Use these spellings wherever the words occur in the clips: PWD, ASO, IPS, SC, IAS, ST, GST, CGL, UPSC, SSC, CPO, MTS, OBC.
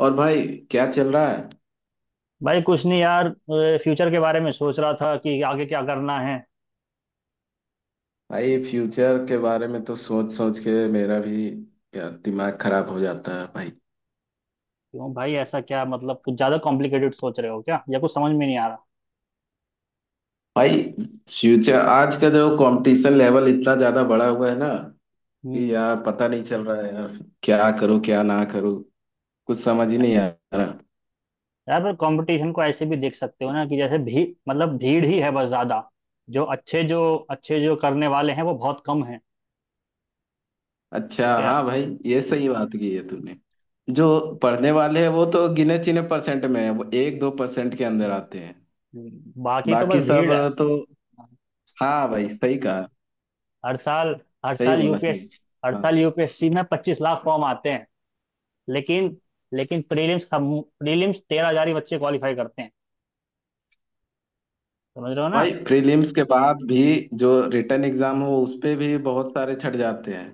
और भाई, क्या चल रहा है। भाई कुछ नहीं यार। फ्यूचर के बारे में सोच रहा था कि आगे क्या करना है। भाई फ्यूचर के बारे में तो सोच सोच के मेरा भी यार दिमाग खराब हो जाता है भाई। क्यों भाई, ऐसा क्या मतलब? कुछ ज्यादा कॉम्प्लिकेटेड सोच रहे हो क्या या कुछ समझ में नहीं आ रहा? भाई फ्यूचर, आज का जो कंपटीशन लेवल इतना ज्यादा बढ़ा हुआ है ना, कि हम्म। यार पता नहीं चल रहा है यार। क्या करूं क्या ना करूं। कुछ समझ ही नहीं आ रहा। यार, पर कंपटीशन को ऐसे भी देख सकते हो ना, कि जैसे भी मतलब भीड़ ही है बस ज्यादा। जो अच्छे जो करने वाले हैं वो बहुत कम हैं। अच्छा ठीक है। हाँ भाई, ये सही बात की है तूने। जो पढ़ने वाले हैं वो तो गिने चुने परसेंट में है, वो 1-2% के अंदर हम्म, आते हैं। बाकी तो बाकी बस सब भीड़ है। तो, हाँ भाई सही कहा, हर साल हर सही साल बोला यूपीएस सही। हर हाँ साल यूपीएससी में 25 लाख फॉर्म आते हैं। लेकिन लेकिन प्रीलिम्स 13 हजार ही बच्चे क्वालिफाई करते हैं। समझ रहे हो ना? भाई, प्रीलिम्स के बाद भी जो रिटर्न एग्जाम हो उस पे भी बहुत सारे छट जाते हैं।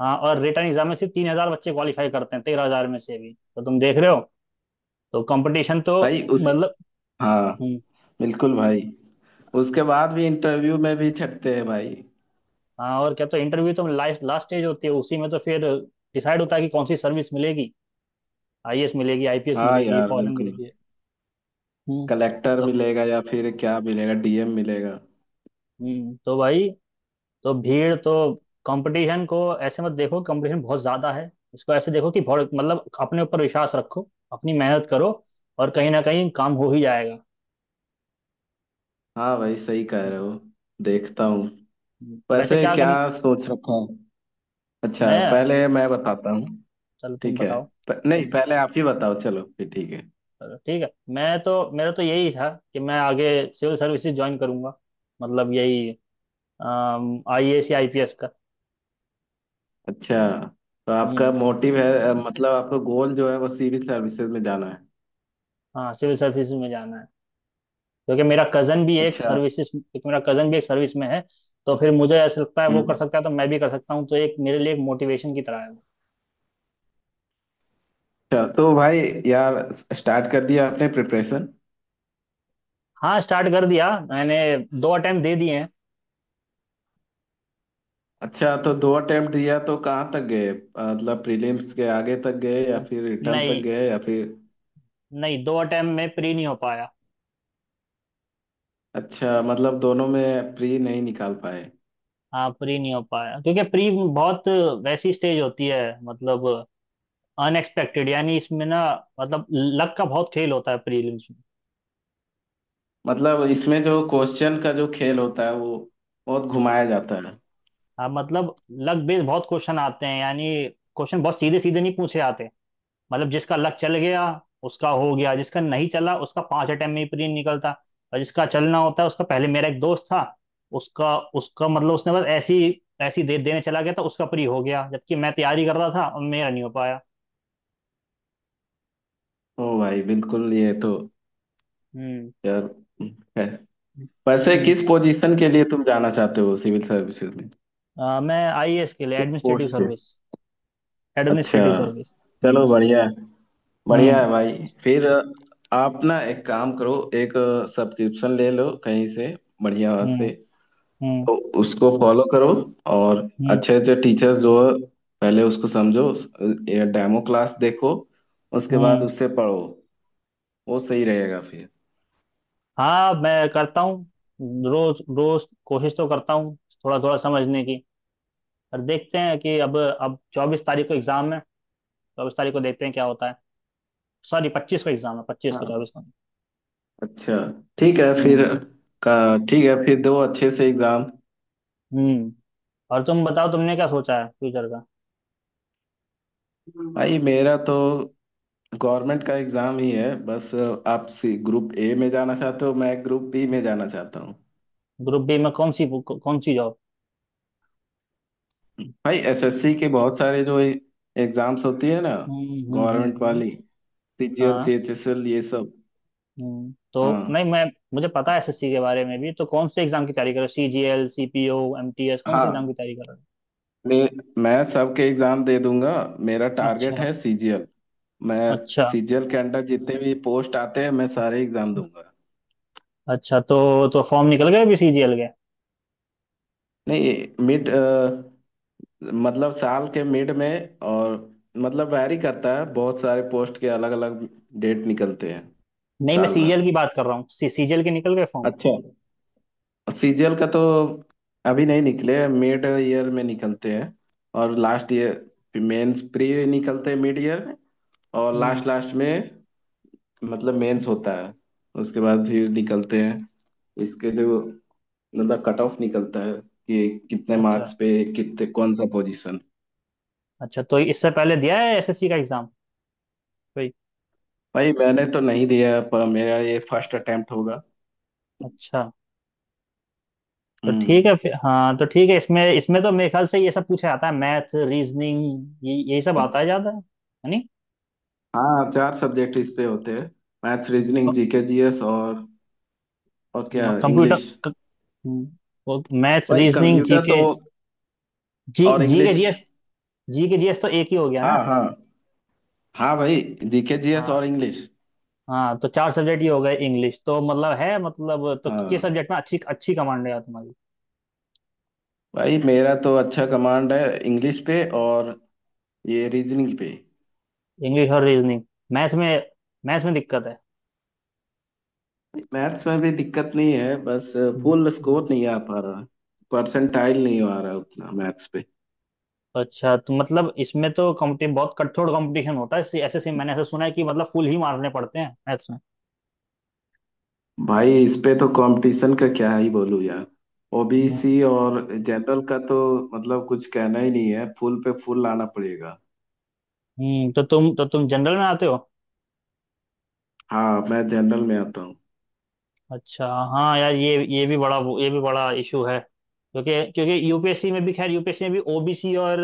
हाँ, और रिटर्न एग्जाम में सिर्फ 3 हजार बच्चे क्वालिफाई करते हैं, 13 हजार में से, भी तो तुम देख रहे हो। तो कंपटीशन तो भाई उस, मतलब। हाँ, हम्म। बिल्कुल भाई, उसके बाद भी इंटरव्यू में भी छटते हैं भाई। हाँ और क्या। तो इंटरव्यू तो लास्ट लास्ट स्टेज होती है, उसी में तो फिर डिसाइड होता है कि कौन सी सर्विस मिलेगी। आईएएस मिलेगी, आईपीएस हाँ मिलेगी, यार फॉरेन बिल्कुल। मिलेगी। हम्म। कलेक्टर तो मिलेगा या फिर क्या मिलेगा, डीएम मिलेगा। तो भाई तो भीड़ तो कंपटीशन को ऐसे मत देखो कंपटीशन बहुत ज्यादा है, इसको ऐसे देखो कि बहुत मतलब अपने ऊपर विश्वास रखो, अपनी मेहनत करो और कहीं ना कहीं काम हो ही जाएगा। हाँ भाई सही कह हम्म, रहे हो। हम्म, देखता हूँ। वैसे वैसे क्या क्या कर सोच रखा है। अच्छा, मैं पहले मैं बताता हूँ। चलो तुम ठीक है। बताओ। नहीं, पहले आप ही बताओ चलो, फिर ठीक है। चलो ठीक है। मैं तो मेरा तो यही था कि मैं आगे सिविल सर्विसेज ज्वाइन करूंगा। मतलब यही, आईएएस या आईपीएस का। अच्छा, तो आपका हम्म। मोटिव है, मतलब आपका गोल जो है वो सिविल सर्विसेज में जाना है। हाँ, सिविल सर्विसेज में जाना है क्योंकि मेरा कजन भी एक अच्छा। सर्विसेज क्योंकि मेरा कजन भी एक सर्विस में है। तो फिर मुझे ऐसा लगता है वो कर हम्म। सकता है तो मैं भी कर सकता हूँ, तो एक मेरे लिए एक मोटिवेशन की तरह है वो। अच्छा तो भाई यार, स्टार्ट कर दिया आपने प्रिपरेशन। हाँ, स्टार्ट कर दिया मैंने। दो अटेम्प्ट दे दिए हैं। अच्छा, तो दो अटेम्प्ट दिया, तो कहाँ तक गए, मतलब प्रीलिम्स के आगे तक गए या फिर रिटर्न तक नहीं, गए या फिर। नहीं, दो अटेम्प्ट में प्री नहीं हो पाया। अच्छा, मतलब दोनों में प्री नहीं निकाल पाए। हाँ, प्री नहीं हो पाया क्योंकि प्री बहुत वैसी स्टेज होती है, मतलब अनएक्सपेक्टेड। यानी इसमें ना, मतलब लक का बहुत खेल होता है प्रीलिम्स में। मतलब इसमें जो क्वेश्चन का जो खेल होता है, वो बहुत हम्म, घुमाया जाता है। हाँ मतलब लक बेस्ड बहुत क्वेश्चन आते हैं। यानी क्वेश्चन बहुत सीधे सीधे नहीं पूछे जाते। मतलब जिसका लक चल गया उसका हो गया, जिसका नहीं चला उसका 5 अटेम्प्ट में ही प्री निकलता। और जिसका चलना होता है उसका पहले। मेरा एक दोस्त था, उसका उसका मतलब उसने बस ऐसी ऐसी दे देने चला गया था, उसका प्री हो गया, जबकि मैं तैयारी कर रहा था और मेरा नहीं हो पाया। ओ भाई बिल्कुल, ये तो हम्म। यार है। वैसे हम्म। किस पोजीशन के लिए तुम जाना चाहते हो सिविल सर्विसेज में। मैं आईएएस के लिए, किस एडमिनिस्ट्रेटिव पोस्ट पे। सर्विस। अच्छा, एडमिनिस्ट्रेटिव सर्विस। हम्म। चलो बढ़िया। बढ़िया हम्म। है भाई। फिर आप ना एक काम करो, एक सब्सक्रिप्शन ले लो कहीं से, बढ़िया हम्म। से। हम्म। तो उसको फॉलो करो, और हम्म। अच्छे अच्छे टीचर्स जो है पहले उसको समझो। ये डेमो क्लास देखो, उसके बाद हम्म। उससे पढ़ो। वो सही रहेगा फिर। हाँ, मैं करता हूँ। रोज रोज कोशिश तो करता हूँ, थोड़ा थोड़ा समझने की। पर देखते हैं कि अब 24 तारीख को एग्जाम है। चौबीस तारीख को देखते हैं क्या होता है। सॉरी, 25 को एग्जाम है। पच्चीस को, हाँ। 24 को नहीं। अच्छा। ठीक है फिर। हम्म। का, ठीक है फिर, दो अच्छे से एग्जाम। हम्म। और तुम बताओ, तुमने क्या सोचा है फ्यूचर का? भाई मेरा तो गवर्नमेंट का एग्जाम ही है बस। आप ग्रुप ए में जाना चाहते हो, मैं ग्रुप बी में जाना चाहता हूँ। ग्रुप बी में कौन सी जॉब? भाई एसएससी के बहुत सारे जो एग्जाम्स होती है ना, हम्म, हम्म, हम्म, गवर्नमेंट वाली, सीजीएल हाँ। सीएचएसएल ये सब। हम्म, तो। हाँ, नहीं, मैं मुझे पता है एसएससी के बारे में भी। तो कौन से एग्जाम की तैयारी कर रहे हो, सीजीएल, सीपीओ, एमटीएस, कौन से हाँ। एग्जाम की तैयारी कर। मैं मैं सबके एग्जाम दे दूंगा। मेरा टारगेट अच्छा। है सीजीएल। मैं अच्छा। सीजीएल के अंडर जितने भी पोस्ट आते हैं, मैं सारे एग्जाम दूंगा। अच्छा, तो फॉर्म निकल गए अभी सीजीएल के? नहीं। मिड, मतलब साल के मिड में, और मतलब वैरी करता है, बहुत सारे पोस्ट के अलग अलग डेट निकलते हैं नहीं, मैं साल भर। सीजीएल की बात कर रहा हूँ। सीजीएल के निकल गए फॉर्म? अच्छा। सीजीएल का तो अभी नहीं निकले, मिड ईयर में निकलते हैं। और लास्ट ईयर मेंस प्री निकलते हैं मिड ईयर में। और हम्म। लास्ट लास्ट में मतलब मेंस होता है। उसके बाद फिर निकलते हैं इसके, जो मतलब कट ऑफ निकलता है, कि कितने अच्छा। मार्क्स पे कितने कौन सा पोजीशन। अच्छा, तो इससे पहले दिया है एसएससी का एग्जाम कोई? भाई मैंने तो नहीं दिया, पर मेरा ये फर्स्ट अटेम्प्ट होगा। अच्छा। तो हम्म। ठीक है फिर, हाँ। तो ठीक है, इसमें इसमें तो मेरे ख्याल से ये सब पूछा जाता है। मैथ, रीजनिंग, ये यही सब आता है ज्यादा है। नहीं, हाँ, चार सब्जेक्ट इस पे होते हैं, मैथ्स रीजनिंग जीके जीएस और क्या, कंप्यूटर, इंग्लिश। मैथ्स, भाई रीजनिंग, कंप्यूटर जीके। तो, जी और जी के इंग्लिश। GS। जी के जीएस तो एक ही हो गया ना? हाँ हाँ। हाँ भाई, जीके जीएस हाँ, और इंग्लिश। हाँ, तो चार सब्जेक्ट ये हो गए। इंग्लिश तो मतलब है, मतलब तो किस हाँ सब्जेक्ट में अच्छी अच्छी कमांड है यार तुम्हारी? भाई मेरा तो अच्छा कमांड है इंग्लिश पे, और ये रीजनिंग पे। इंग्लिश और रीजनिंग। मैथ्स में मैथ्स में दिक्कत है। मैथ्स में भी दिक्कत नहीं है, बस हम्म, फुल हम्म। स्कोर नहीं आ पा रहा। परसेंटाइल नहीं आ रहा उतना मैथ्स पे। अच्छा, तो मतलब इसमें तो कॉम्पिटिशन बहुत कठोर कंपटीशन होता है। ऐसे ऐसे से मैंने ऐसा सुना है कि मतलब फुल ही मारने पड़ते हैं मैथ्स में। भाई इस पे तो कंपटीशन का क्या ही बोलूं यार, ओबीसी हम्म। और जनरल का तो मतलब कुछ कहना ही नहीं है, फुल पे फुल लाना पड़ेगा। तो तुम जनरल में आते हो? हाँ मैं जनरल में आता हूँ। अच्छा। हाँ यार, ये भी बड़ा इशू है। क्योंकि क्योंकि यूपीएससी में भी, खैर, यूपीएससी में भी ओबीसी और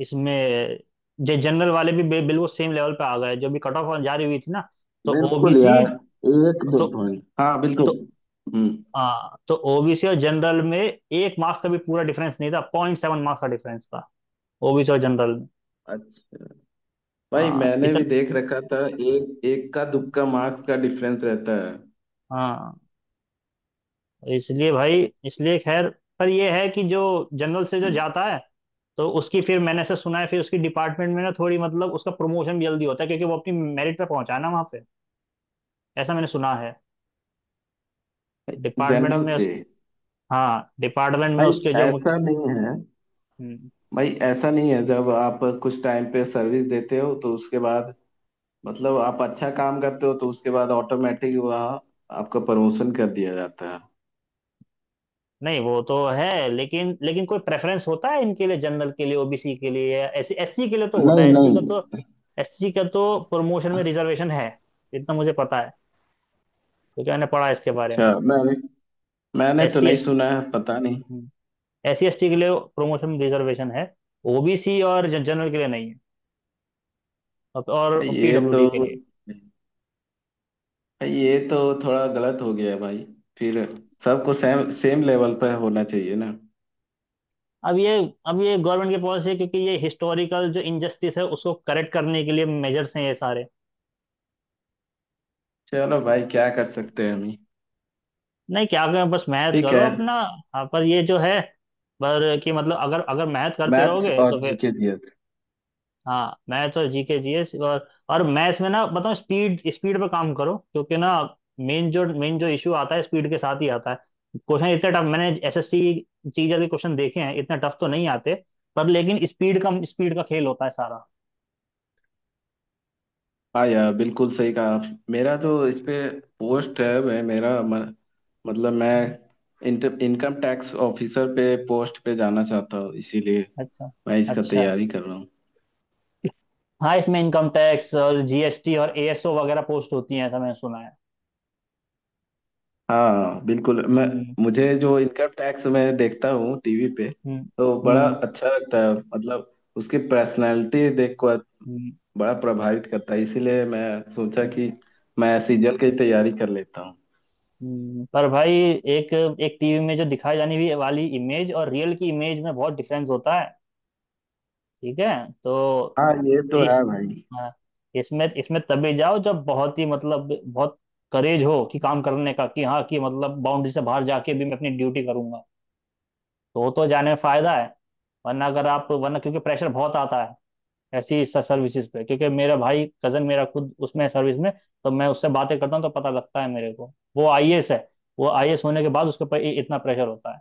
इसमें जो जनरल वाले भी बिल्कुल सेम लेवल पे आ गए, जो भी कट ऑफ जारी हुई थी ना। तो बिल्कुल ओबीसी। यार, एक दो तो पॉइंट, हाँ बिल्कुल। तो हम्म। हाँ, तो ओबीसी और जनरल में एक मार्क्स का भी पूरा डिफरेंस नहीं था, 0.7 मार्क्स का डिफरेंस था ओबीसी और जनरल में। अच्छा, भाई हाँ, मैंने इतना। भी देख रखा था, एक एक का दुक्का मार्क्स का डिफरेंस रहता हाँ। इसलिए भाई, इसलिए खैर, पर ये है कि जो जनरल से जो है जाता है तो उसकी, फिर मैंने ऐसा सुना है, फिर उसकी डिपार्टमेंट में ना थोड़ी, मतलब उसका प्रमोशन भी जल्दी होता है क्योंकि वो अपनी मेरिट पे पहुंचाना वहां पे, ऐसा मैंने सुना है। डिपार्टमेंट जनरल में से। उस हाँ, डिपार्टमेंट में भाई उसके जो ऐसा नहीं है। हम्म। भाई ऐसा नहीं है, जब आप कुछ टाइम पे सर्विस देते हो तो उसके बाद, मतलब आप अच्छा काम करते हो तो उसके बाद ऑटोमेटिक वहाँ आपका प्रमोशन कर दिया जाता है। नहीं, वो तो है, लेकिन लेकिन कोई प्रेफरेंस होता है इनके लिए? जनरल के लिए, ओबीसी के लिए, या एससी एससी के लिए तो होता नहीं, है। एससी नहीं। का तो एससी का तो प्रमोशन में रिजर्वेशन है। इतना मुझे पता है क्योंकि मैंने पढ़ा है इसके बारे में। अच्छा, मैंने मैंने तो एससी नहीं एस सुना है, पता नहीं। एससी एसटी के लिए प्रमोशन में रिजर्वेशन है। ओबीसी और जनरल के लिए नहीं है। और भाई ये तो पीडब्ल्यूडी के लिए। ये तो थोड़ा गलत हो गया है भाई, फिर सबको सेम सेम लेवल पर होना चाहिए ना। अब ये अब ये गवर्नमेंट की पॉलिसी है क्योंकि ये हिस्टोरिकल जो इनजस्टिस है उसको करेक्ट करने के लिए मेजर्स हैं ये सारे। चलो भाई, क्या कर सकते हैं हम ही। नहीं, क्या करें, बस मेहनत ठीक करो है। अपना। हाँ, पर ये जो है, पर कि मतलब अगर अगर मेहनत करते मैथ्स रहोगे और तो फिर। जीके दिया था। हाँ, मैथ्स और जीके जीएस और मैथ्स में ना बताओ, स्पीड स्पीड पे काम करो क्योंकि ना, मेन जो इशू आता है स्पीड के साथ ही आता है। क्वेश्चन इतने टफ मैंने एसएससी जी के क्वेश्चन देखे हैं, इतने टफ तो नहीं आते। पर लेकिन स्पीड का खेल होता है सारा। हाँ यार, बिल्कुल सही कहा आप। मेरा जो इस पे पोस्ट है वह मेरा, मतलब मैं इनकम टैक्स ऑफिसर पे, पोस्ट पे जाना चाहता हूँ इसीलिए अच्छा। मैं इसका अच्छा। तैयारी कर रहा हूँ। हाँ, इसमें इनकम टैक्स और जीएसटी और एएसओ वगैरह पोस्ट होती हैं, ऐसा मैंने सुना है। हाँ बिल्कुल। मैं हम्म। मुझे जो इनकम टैक्स मैं देखता हूँ टीवी पे, हम्म। तो बड़ा हम्म। अच्छा लगता है मतलब उसकी पर्सनालिटी देखकर। हम्म, बड़ा प्रभावित करता है, इसीलिए मैं सोचा हम्म, कि मैं सीजन की तैयारी कर लेता हूँ। पर भाई, एक एक टीवी में जो दिखाई जाने भी वाली इमेज और रियल की इमेज में बहुत डिफरेंस होता है। ठीक है। तो हाँ ये तो है इस भाई। हाँ, इसमें इसमें तभी जाओ जब बहुत ही, मतलब बहुत करेज हो, कि काम करने का, कि हाँ, कि मतलब बाउंड्री से बाहर जाके भी मैं अपनी ड्यूटी करूंगा, तो वो तो जाने में फायदा है। वरना अगर आप वरना क्योंकि प्रेशर बहुत आता है ऐसी सर्विसेज पे, क्योंकि मेरा भाई कजन, मेरा खुद उसमें है, सर्विस में। तो मैं उससे बातें करता हूँ तो पता लगता है मेरे को। वो आईएएस है। वो आईएएस होने के बाद उसके ऊपर इतना प्रेशर होता है।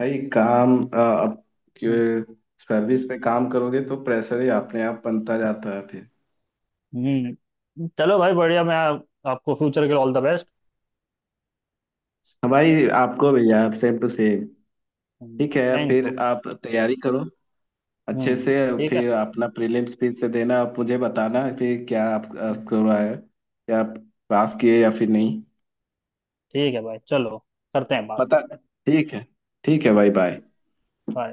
भाई काम, अब हम्म। के सर्विस पे काम करोगे तो प्रेशर ही अपने आप बनता जाता है फिर। हम्म। चलो भाई बढ़िया। मैं आपको फ्यूचर के लिए ऑल द बेस्ट। हाँ भाई आपको भी यार, सेम टू सेम। ठीक है थैंक यू। फिर, आप तैयारी करो अच्छे हम्म। से। ठीक है। फिर अपना प्रीलिम्स फिर से देना, आप मुझे बताना फिर क्या आपका स्कोर आया, क्या आप पास किए या फिर नहीं ठीक है भाई, चलो, करते हैं बात। पता। ठीक है। ठीक है भाई, बाय। बाय।